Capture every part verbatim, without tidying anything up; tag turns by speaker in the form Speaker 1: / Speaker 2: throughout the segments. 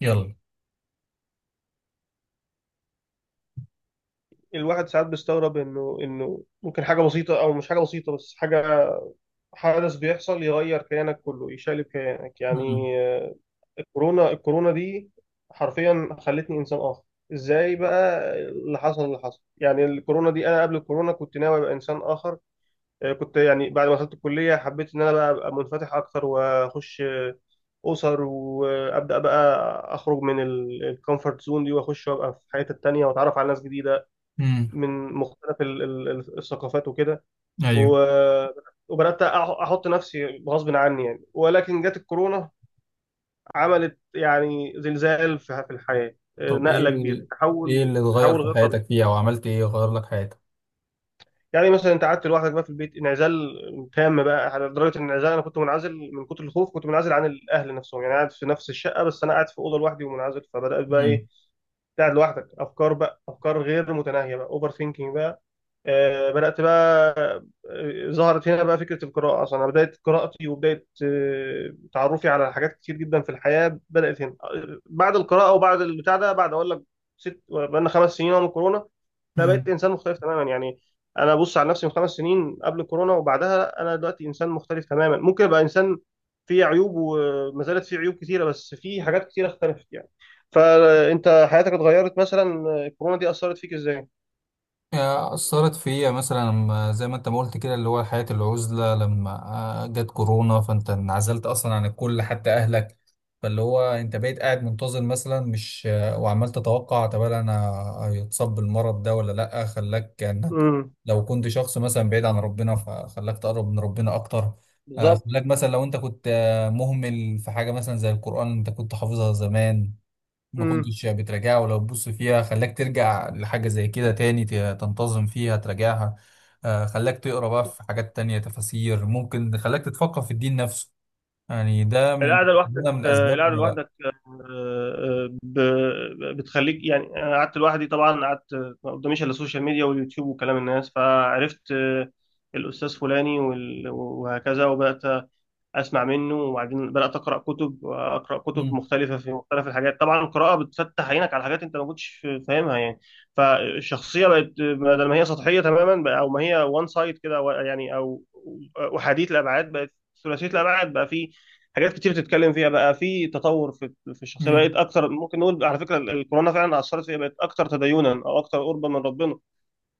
Speaker 1: يلا.
Speaker 2: الواحد ساعات بيستغرب انه انه ممكن حاجه بسيطه او مش حاجه بسيطه بس حاجه حدث بيحصل يغير كيانك كله، يشقلب كيانك يعني.
Speaker 1: امم.
Speaker 2: آه، الكورونا، الكورونا دي حرفيا خلتني انسان اخر. ازاي بقى اللي حصل اللي حصل يعني الكورونا دي. انا قبل الكورونا كنت ناوي ابقى انسان اخر. آه، كنت يعني بعد ما دخلت الكليه حبيت ان انا بقى ابقى منفتح اكتر واخش آه، اسر، وابدا بقى اخرج من الكومفورت زون دي، واخش وابقى في حياتي التانيه، واتعرف على ناس جديده
Speaker 1: امم.
Speaker 2: من مختلف ال- ال- ال- الثقافات وكده.
Speaker 1: ايوه.
Speaker 2: و- وبدات أح- احط نفسي غصب عني يعني، ولكن جت الكورونا. عملت يعني زلزال في في الحياه،
Speaker 1: طب ايه
Speaker 2: نقله كبيره،
Speaker 1: ال... ايه
Speaker 2: تحول
Speaker 1: اللي اتغير
Speaker 2: تحول
Speaker 1: في
Speaker 2: غير طبيعي.
Speaker 1: حياتك فيها او عملت ايه غير لك حياتك؟
Speaker 2: يعني مثلا انت قعدت لوحدك بقى في البيت، انعزال تام بقى على درجه الانعزال. انا كنت منعزل من كتر الخوف، كنت منعزل عن الاهل نفسهم يعني. قاعد في نفس الشقه بس انا قاعد في اوضه لوحدي ومنعزل، فبدات بقى ايه، قاعد لوحدك، افكار بقى، افكار غير متناهيه بقى، اوفر ثينكينج بقى. آه، بدأت بقى آه، ظهرت هنا بقى فكرة القراءة. أصلا أنا بداية قراءتي وبداية آه، تعرفي على حاجات كتير جدا في الحياة بدأت هنا، آه، بعد القراءة وبعد البتاع ده. بعد أقول لك ست بقالنا خمس سنين أهو من كورونا. لا، بقيت
Speaker 1: امم.
Speaker 2: إنسان مختلف تماما يعني. أنا ببص على نفسي من خمس سنين قبل كورونا وبعدها، أنا دلوقتي إنسان مختلف تماما. ممكن أبقى إنسان فيه عيوب، وما زالت فيه عيوب كتيرة، بس فيه حاجات كتيرة اختلفت يعني. فأنت حياتك اتغيرت مثلا، آه، الكورونا دي أثرت فيك إزاي؟
Speaker 1: آه، أثرت فيا مثلا لما- زي ما أنت ما قلت كده، اللي هو حياة العزلة. لما آه، جت كورونا فأنت انعزلت أصلا عن الكل، حتى أهلك. فاللي هو أنت بقيت قاعد منتظر، مثلا مش آه، وعمال تتوقع، طب أنا هيتصاب بالمرض ده ولا لأ. خلاك إنك
Speaker 2: امم.
Speaker 1: لو كنت شخص مثلا بعيد عن ربنا فخلاك تقرب من ربنا أكتر. آه،
Speaker 2: بالظبط.
Speaker 1: خلاك مثلا لو أنت كنت آه، مهمل في حاجة مثلا زي القرآن، أنت كنت حافظها زمان، ما
Speaker 2: امم.
Speaker 1: كنتش بتراجعها، ولو تبص فيها خلاك ترجع لحاجة زي كده تاني ت- تنتظم فيها تراجعها. آه، خلاك تقرا بقى في حاجات تانية، تفاسير، ممكن خلاك تتفقه في الدين نفسه. يعني ده من
Speaker 2: القعده لوحدك،
Speaker 1: ده من
Speaker 2: آه،
Speaker 1: الأسباب.
Speaker 2: القعده لوحدك، آه، آه، ب- بتخليك يعني. انا قعدت لوحدي طبعا، قعدت ما قداميش الا السوشيال ميديا واليوتيوب وكلام الناس. فعرفت آه، الاستاذ فلاني وال- وهكذا، وبدات اسمع منه. وبعدين بدات اقرا كتب، اقرا كتب
Speaker 1: مم.
Speaker 2: مختلفه في مختلف الحاجات. طبعا القراءه بتفتح عينك على حاجات انت ما كنتش فاهمها يعني. فالشخصيه بقت، بدل ما هي سطحيه تماما، بقى- او ما هي وان سايد كده، و- يعني او احاديه الابعاد، بقت ثلاثيه الابعاد. بقى في حاجات كتير تتكلم فيها، بقى في تطور في في الشخصيه. بقت
Speaker 1: مم.
Speaker 2: اكثر، ممكن نقول على فكره الكورونا فعلا اثرت فيها، بقت اكثر تدينا او اكثر قربا من ربنا.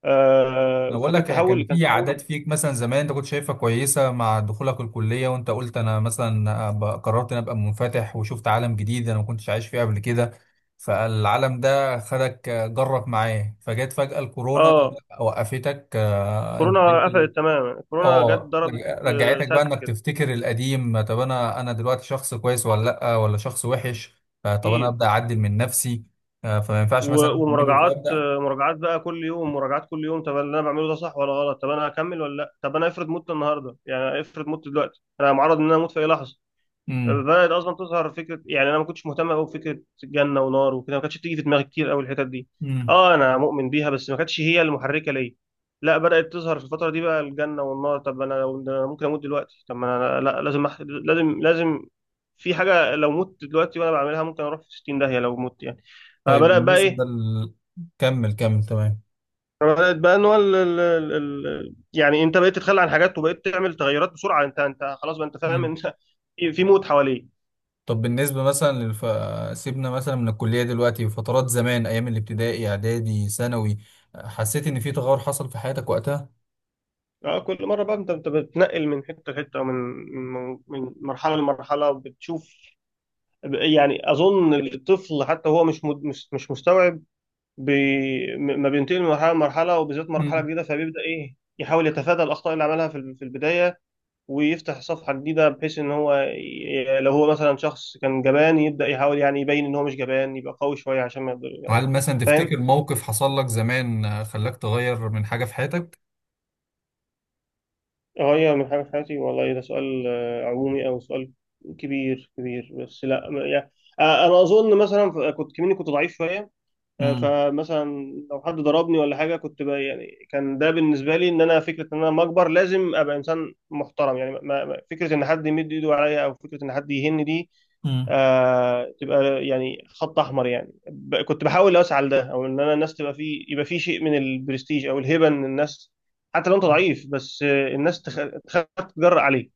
Speaker 2: آه،
Speaker 1: انا بقول لك
Speaker 2: فكان تحول،
Speaker 1: كان
Speaker 2: كان
Speaker 1: في
Speaker 2: تحول.
Speaker 1: عادات فيك مثلا زمان انت كنت شايفها كويسه، مع دخولك الكليه وانت قلت انا مثلا أبقى- قررت ان ابقى منفتح وشفت عالم جديد انا ما كنتش عايش فيه قبل كده. فالعالم ده خدك جرك معاه. فجت فجاه الكورونا
Speaker 2: اه،
Speaker 1: وقفتك. آه، انت
Speaker 2: كورونا
Speaker 1: بقيت
Speaker 2: قفلت تماما، كورونا جت
Speaker 1: اه
Speaker 2: ضربت.
Speaker 1: رج-
Speaker 2: آه،
Speaker 1: رجعتك بقى
Speaker 2: سد
Speaker 1: انك
Speaker 2: كده.
Speaker 1: تفتكر القديم. طب انا انا دلوقتي شخص كويس ولا لا، ولا شخص وحش؟ آه، طب انا
Speaker 2: اكيد.
Speaker 1: ابدا اعدل من نفسي. آه، فما ينفعش
Speaker 2: و-
Speaker 1: مثلا اعمله
Speaker 2: ومراجعات،
Speaker 1: فابدا.
Speaker 2: آه، مراجعات بقى كل يوم، مراجعات كل يوم. طب اللي انا بعمله ده صح ولا غلط؟ طب انا هكمل ولا لا؟ طب انا افرض مت النهارده يعني، افرض مت دلوقتي. انا معرض ان انا اموت في اي لحظه.
Speaker 1: امم.
Speaker 2: بدأت أصلا تظهر فكرة يعني. أنا ما كنتش مهتم أوي بفكرة جنة ونار وكده، ما كانتش بتيجي في دماغي كتير أوي الحتت دي.
Speaker 1: امم.
Speaker 2: أه، أنا مؤمن بيها بس ما كانتش هي المحركة ليا. لا، بدأت تظهر في الفترة دي بقى الجنة والنار. طب أنا لو ده، أنا ممكن أموت دلوقتي. طب ما أنا لا، لازم أح... لازم لازم. في حاجة لو مت دلوقتي وأنا بعملها ممكن أروح في ستين داهية لو مت يعني.
Speaker 1: طيب،
Speaker 2: فبدأت بقى
Speaker 1: بالنسبة
Speaker 2: إيه،
Speaker 1: ل... كمل كمل، تمام.
Speaker 2: بدأت بقى إن هو ال... ال... ال... ال- يعني أنت بقيت تتخلى عن حاجات، وبقيت تعمل تغيرات بسرعة. أنت أنت خلاص بقى، أنت فاهم،
Speaker 1: مم.
Speaker 2: أنت في موت حواليك.
Speaker 1: طب بالنسبة مثلا للف... سيبنا مثلا من الكلية دلوقتي، فترات زمان أيام الابتدائي، إعدادي، ثانوي، حسيت إن في تغير حصل في حياتك وقتها؟
Speaker 2: اه، كل مرة بقى انت انت بتنقل من حتة لحتة، ومن من من مرحلة لمرحلة بتشوف. يعني اظن الطفل حتى هو مش مد- مش مش مستوعب بي، م- ما بينتقل من مرحلة لمرحلة، وبالذات مرحلة
Speaker 1: مم.
Speaker 2: جديدة. فبيبدأ ايه، يحاول يتفادى الاخطاء اللي عملها في ال- في البداية، ويفتح صفحة جديدة. بحيث ان هو، ي- لو هو مثلا شخص كان جبان، يبدأ يحاول يعني يبين ان هو مش جبان، يبقى قوي شوية عشان ما يقدر يعني.
Speaker 1: هل مثلا
Speaker 2: فاهم.
Speaker 1: تفتكر موقف حصل لك زمان آه، خلاك تغير من حاجة في حياتك؟
Speaker 2: اه، هي من حاجة في حياتي. والله ده سؤال آه، عمومي أو سؤال كبير كبير، بس لا م- يعني آه، أنا أظن مثلا، ف- كنت كمني كنت ضعيف شوية. آه،
Speaker 1: امم.
Speaker 2: فمثلا لو حد ضربني ولا حاجة، كنت ب- يعني كان ده بالنسبة لي، إن أنا فكرة إن أنا لما أكبر لازم أبقى إنسان محترم يعني. ما ما- فكرة إن حد يمد إيده عليا، أو فكرة إن حد يهني دي،
Speaker 1: امم.
Speaker 2: آه، تبقى يعني خط احمر يعني. ب- كنت بحاول اوسع لده، او ان انا الناس تبقى فيه، يبقى فيه شيء من البرستيج او الهيبه. ان الناس حتى لو انت ضعيف، بس آه، الناس تخ... تخاف تتجرأ عليك.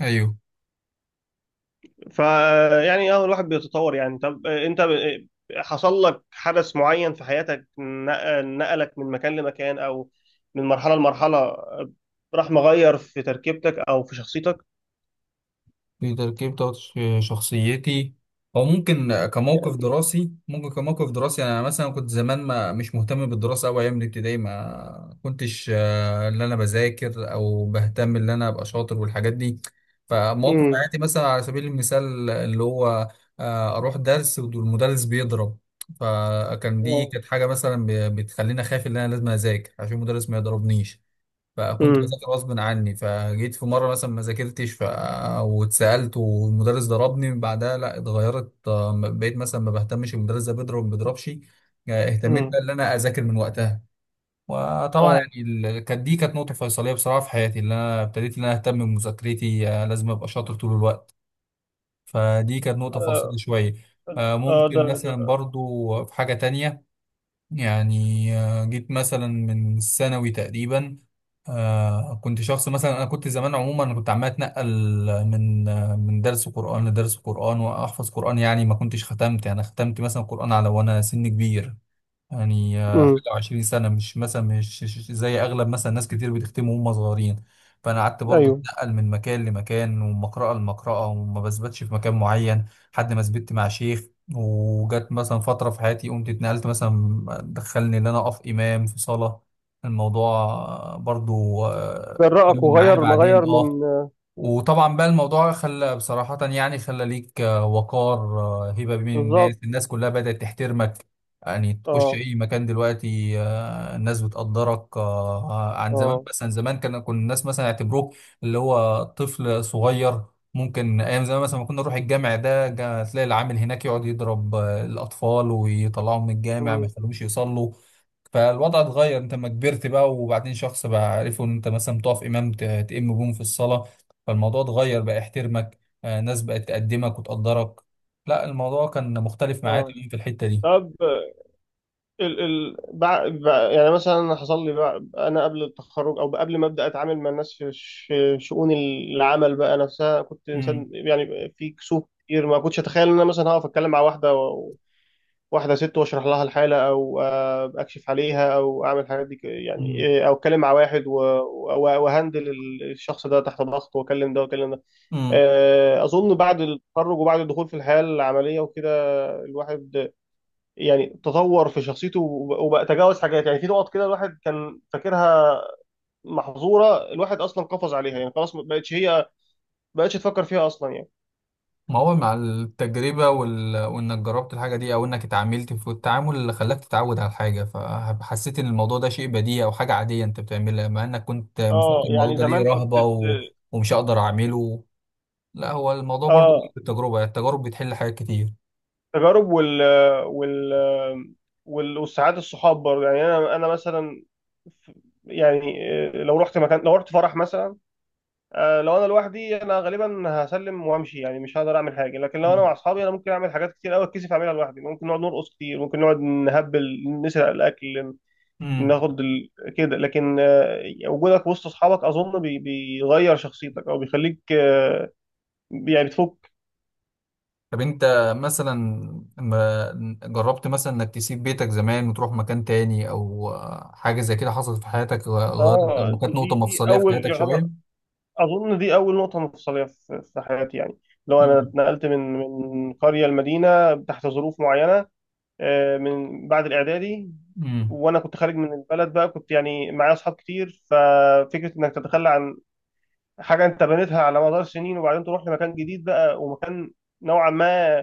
Speaker 1: ايوه.
Speaker 2: فيعني اه، الواحد بيتطور يعني. طب آه، انت آه، حصل لك حدث معين في حياتك، نق- نقلك من مكان لمكان، او من مرحله لمرحله، آه، راح مغير في تركيبتك او في شخصيتك
Speaker 1: في تركيب بتاعت شخصيتي. او ممكن كموقف
Speaker 2: يعني؟
Speaker 1: دراسي، ممكن كموقف دراسي. يعني انا مثلا كنت زمان ما مش مهتم بالدراسه أوي، ايام الابتدائي ما كنتش آه، اللي انا بذاكر او بهتم ان انا ابقى شاطر والحاجات دي. فمواقف
Speaker 2: امم.
Speaker 1: حياتي مثلا على سبيل المثال اللي هو آه، اروح درس والمدرس بيضرب، فكان دي كانت حاجه مثلا ب- بتخليني اخاف ان انا لازم اذاكر عشان المدرس ما يضربنيش. فكنت
Speaker 2: امم.
Speaker 1: بذاكر غصب عني، فجيت في مره مثلا ما ذاكرتش ف... واتسالت والمدرس ضربني بعدها. لا اتغيرت. آه، بقيت مثلا ما بهتمش المدرس ده بيضرب ما بيضربش. آه، اهتميت
Speaker 2: امم.
Speaker 1: بقى ان انا اذاكر من وقتها. وطبعا
Speaker 2: اه.
Speaker 1: يعني ال- كانت دي كانت نقطه فيصليه بصراحه في حياتي، اللي انا ابتديت ان انا اهتم بمذاكرتي. آه، لازم ابقى شاطر طول الوقت. فدي كانت نقطه فاصله
Speaker 2: آه.
Speaker 1: شويه. آه،
Speaker 2: آه، ده.
Speaker 1: ممكن مثلا برضو في حاجه تانية. يعني آه، جيت مثلا من الثانوي تقريبا. آه، كنت شخص مثلا، انا كنت زمان عموما انا كنت عمال اتنقل من آه، من درس قرآن لدرس قرآن واحفظ قرآن. يعني ما كنتش ختمت، يعني ختمت مثلا قرآن على وانا سن كبير. يعني آه، حاجة
Speaker 2: امم.
Speaker 1: وعشرين سنة، مش مثلا مش مش زي أغلب مثلا ناس كتير بتختموا وهم صغيرين. فأنا قعدت برضه
Speaker 2: ايوه.
Speaker 1: أتنقل من مكان لمكان ومن مقرأة لمقرأة وما بثبتش في مكان معين، لحد ما ثبت مع شيخ. وجت مثلا فترة في حياتي قمت اتنقلت مثلا، دخلني إن أنا أقف إمام في صلاة. الموضوع آه، برضه آه،
Speaker 2: جرأك،
Speaker 1: كمل معايا
Speaker 2: وغير غير
Speaker 1: بعدين أه.
Speaker 2: من.
Speaker 1: وطبعا بقى الموضوع خلى بصراحة، يعني خلى ليك آه، وقار، آه، هيبة بين الناس.
Speaker 2: بالظبط.
Speaker 1: الناس كلها بدأت تحترمك. يعني تخش
Speaker 2: اه.
Speaker 1: أي مكان دلوقتي آه، الناس بتقدرك آه، عن زمان.
Speaker 2: اه.
Speaker 1: مثلا زمان كان كنا الناس مثلا يعتبروك اللي هو طفل صغير. ممكن أيام زمان مثلا ما كنا نروح الجامع ده جا- تلاقي العامل هناك يقعد يضرب آه، الأطفال ويطلعهم من الجامع، ما
Speaker 2: امم.
Speaker 1: يخلوهمش يصلوا. فالوضع اتغير. انت لما كبرت بقى، وبعدين شخص بقى عرفوا ان انت مثلا بتقف امام ت- تئم بهم في الصلاه. فالموضوع اتغير بقى يحترمك. آه، ناس بقت تقدمك وتقدرك. لا الموضوع كان مختلف معايا
Speaker 2: اه.
Speaker 1: تماما في الحتة دي.
Speaker 2: طب ال ال بع... بع... يعني مثلا أنا حصل لي بع... انا قبل التخرج، او قبل ما ابدا اتعامل مع الناس في ش... شؤون العمل بقى نفسها، كنت
Speaker 1: امم.
Speaker 2: انسان يعني في كسوف كتير. ما كنتش اتخيل ان انا مثلا هقف اتكلم مع واحده و... واحده ست، واشرح لها الحاله، او آه، اكشف عليها، او اعمل الحاجات دي، ك- يعني
Speaker 1: امم.
Speaker 2: إيه، او اتكلم مع واحد و... و... وهندل الشخص ده تحت ضغط، واكلم ده واكلم ده.
Speaker 1: امم.
Speaker 2: آه، اظن بعد التخرج وبعد الدخول في الحياه العمليه وكده، الواحد يعني تطور في شخصيته، وب- وبقى تجاوز حاجات. يعني في نقط كده الواحد كان فاكرها محظوره، الواحد اصلا قفز عليها يعني. خلاص، ما بقتش هي ما بقتش تفكر فيها اصلا يعني.
Speaker 1: ما هو مع التجربة وال... وإنك جربت الحاجة دي، أو إنك اتعاملت في التعامل اللي خلاك تتعود على الحاجة، فحسيت إن الموضوع ده شيء بديهي أو حاجة عادية أنت بتعملها، مع إنك كنت
Speaker 2: اه،
Speaker 1: مفكر الموضوع
Speaker 2: يعني
Speaker 1: ده ليه
Speaker 2: زمان كنت
Speaker 1: رهبة و...
Speaker 2: ت-
Speaker 1: ومش هقدر أعمله. لا هو الموضوع برضو بيجي
Speaker 2: اه،
Speaker 1: بالتجربة، التجارب بتحل حاجات كتير.
Speaker 2: تجارب وال وال وال- والسعادة، الصحاب برضه يعني. انا انا مثلا، ف- يعني آه، لو رحت مكان، لو رحت فرح مثلا، آه، لو انا لوحدي، انا غالبا هسلم وامشي يعني، مش هقدر اعمل حاجه. لكن لو انا مع اصحابي، انا ممكن اعمل حاجات كتير قوي اتكسف اعملها لوحدي. ممكن نقعد نرقص كتير، ممكن نقعد نهبل، نسرق الاكل،
Speaker 1: امم.
Speaker 2: ناخد ال... كده. لكن آه، وجودك وسط اصحابك اظن بي... بيغير شخصيتك، او بيخليك آه، يعني بتفك.
Speaker 1: طب انت مثلا ما جربت مثلا انك تسيب بيتك زمان وتروح مكان تاني، او حاجة زي كده حصلت في حياتك غيرت،
Speaker 2: اه،
Speaker 1: لما كانت
Speaker 2: دي
Speaker 1: نقطة
Speaker 2: دي دي
Speaker 1: مفصلية في
Speaker 2: اول
Speaker 1: حياتك
Speaker 2: يعتبر،
Speaker 1: شوية؟
Speaker 2: اظن دي اول نقطه مفصليه في في حياتي يعني. لو انا
Speaker 1: امم.
Speaker 2: اتنقلت من من قريه لمدينه تحت ظروف معينه، آه، من بعد الاعدادي،
Speaker 1: امم.
Speaker 2: وانا كنت خارج من البلد بقى، كنت يعني معايا اصحاب كتير. ففكره انك تتخلى عن حاجه انت بنيتها على مدار سنين، وبعدين تروح لمكان جديد بقى، ومكان نوعا ما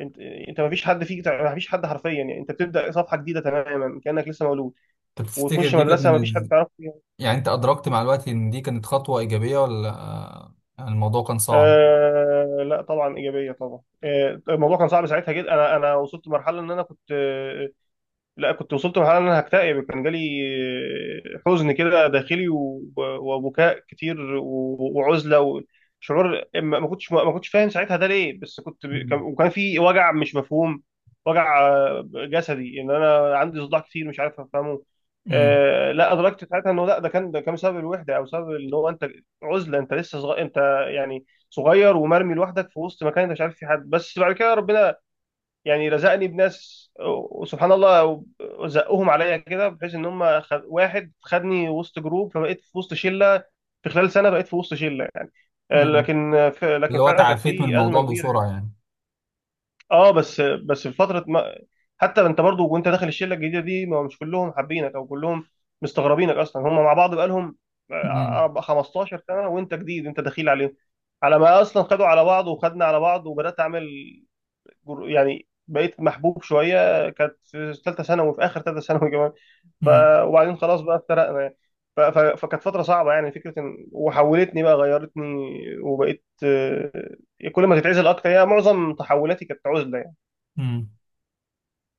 Speaker 2: انت انت ما فيش حد فيك، ما فيش حد حرفيا يعني. انت بتبدا صفحه جديده تماما، كانك لسه مولود،
Speaker 1: طب تفتكر
Speaker 2: وتخش
Speaker 1: دي كانت
Speaker 2: مدرسه
Speaker 1: من
Speaker 2: ما فيش حد
Speaker 1: ال...
Speaker 2: تعرفه فيها.
Speaker 1: يعني انت ادركت مع الوقت ان دي كانت خطوة ايجابية، ولا آه، الموضوع كان صعب؟
Speaker 2: آه لا طبعا ايجابيه، طبعا. آه، الموضوع كان صعب ساعتها جدا. انا انا وصلت لمرحله ان انا كنت آه لا كنت وصلت لمرحله ان انا هكتئب يعني. كان جالي حزن كده داخلي، و- وبكاء كتير، و- وعزله وشعور. ما ما كنتش ما كنتش فاهم ساعتها ده ليه، بس كنت ب- كان-
Speaker 1: مم.
Speaker 2: وكان في وجع مش مفهوم. وجع آه، جسدي، ان انا عندي صداع كتير مش عارف افهمه.
Speaker 1: امم.
Speaker 2: آه، لا، ادركت ساعتها انه لا، ده كان ده كان بسبب الوحده، او سبب ان هو انت عزله. انت لسه صغير، انت يعني صغير ومرمي لوحدك في وسط مكان، انت مش عارف في حد. بس بعد كده ربنا يعني رزقني بناس، وسبحان الله زقهم عليا كده، بحيث ان هم خد... واحد خدني وسط جروب، فبقيت في وسط شله. في خلال سنه بقيت في وسط شله يعني. آه،
Speaker 1: امم.
Speaker 2: لكن في... لكن
Speaker 1: اللي هو
Speaker 2: فعلا كانت
Speaker 1: تعافيت من
Speaker 2: في ازمه
Speaker 1: الموضوع
Speaker 2: كبيره يعني.
Speaker 1: بسرعة يعني.
Speaker 2: اه، بس بس في فتره ما... حتى انت برضو وانت داخل الشله الجديده دي، ما مش كلهم حابينك، او كلهم مستغربينك اصلا. هم مع بعض بقالهم
Speaker 1: امم.
Speaker 2: آه، خمستاشر سنه وانت جديد، انت دخيل عليهم. على ما اصلا خدوا على بعض وخدنا على بعض، وبدات اعمل جر- يعني بقيت محبوب شويه. كانت في ثالثه ثانوي، في اخر ثالثه ثانوي كمان. ف وبعدين خلاص بقى افترقنا يعني. ف... ف... فكانت فتره صعبه يعني. فكره ان وحولتني بقى، غيرتني، وبقيت آه، كل ما تتعزل اكتر. يعني معظم تحولاتي كانت عزله يعني.
Speaker 1: امم.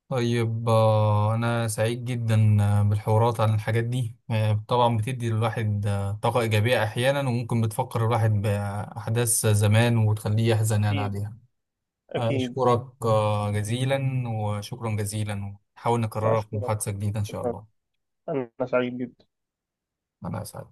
Speaker 1: طيب، آه، أنا سعيد جدا آه، بالحوارات عن الحاجات دي. آه، طبعا بتدي للواحد آه، طاقة إيجابية أحيانا، وممكن بتفكر الواحد بأحداث زمان وتخليه يحزن يعني
Speaker 2: اكيد.
Speaker 1: عليها.
Speaker 2: اكيد.
Speaker 1: أشكرك آه، جزيلا، وشكرا جزيلا، ونحاول
Speaker 2: مع
Speaker 1: نكررها في
Speaker 2: شكرا.
Speaker 1: محادثة جديدة إن شاء
Speaker 2: شكرا.
Speaker 1: الله.
Speaker 2: انا سعيد جدا.
Speaker 1: أنا أسعد.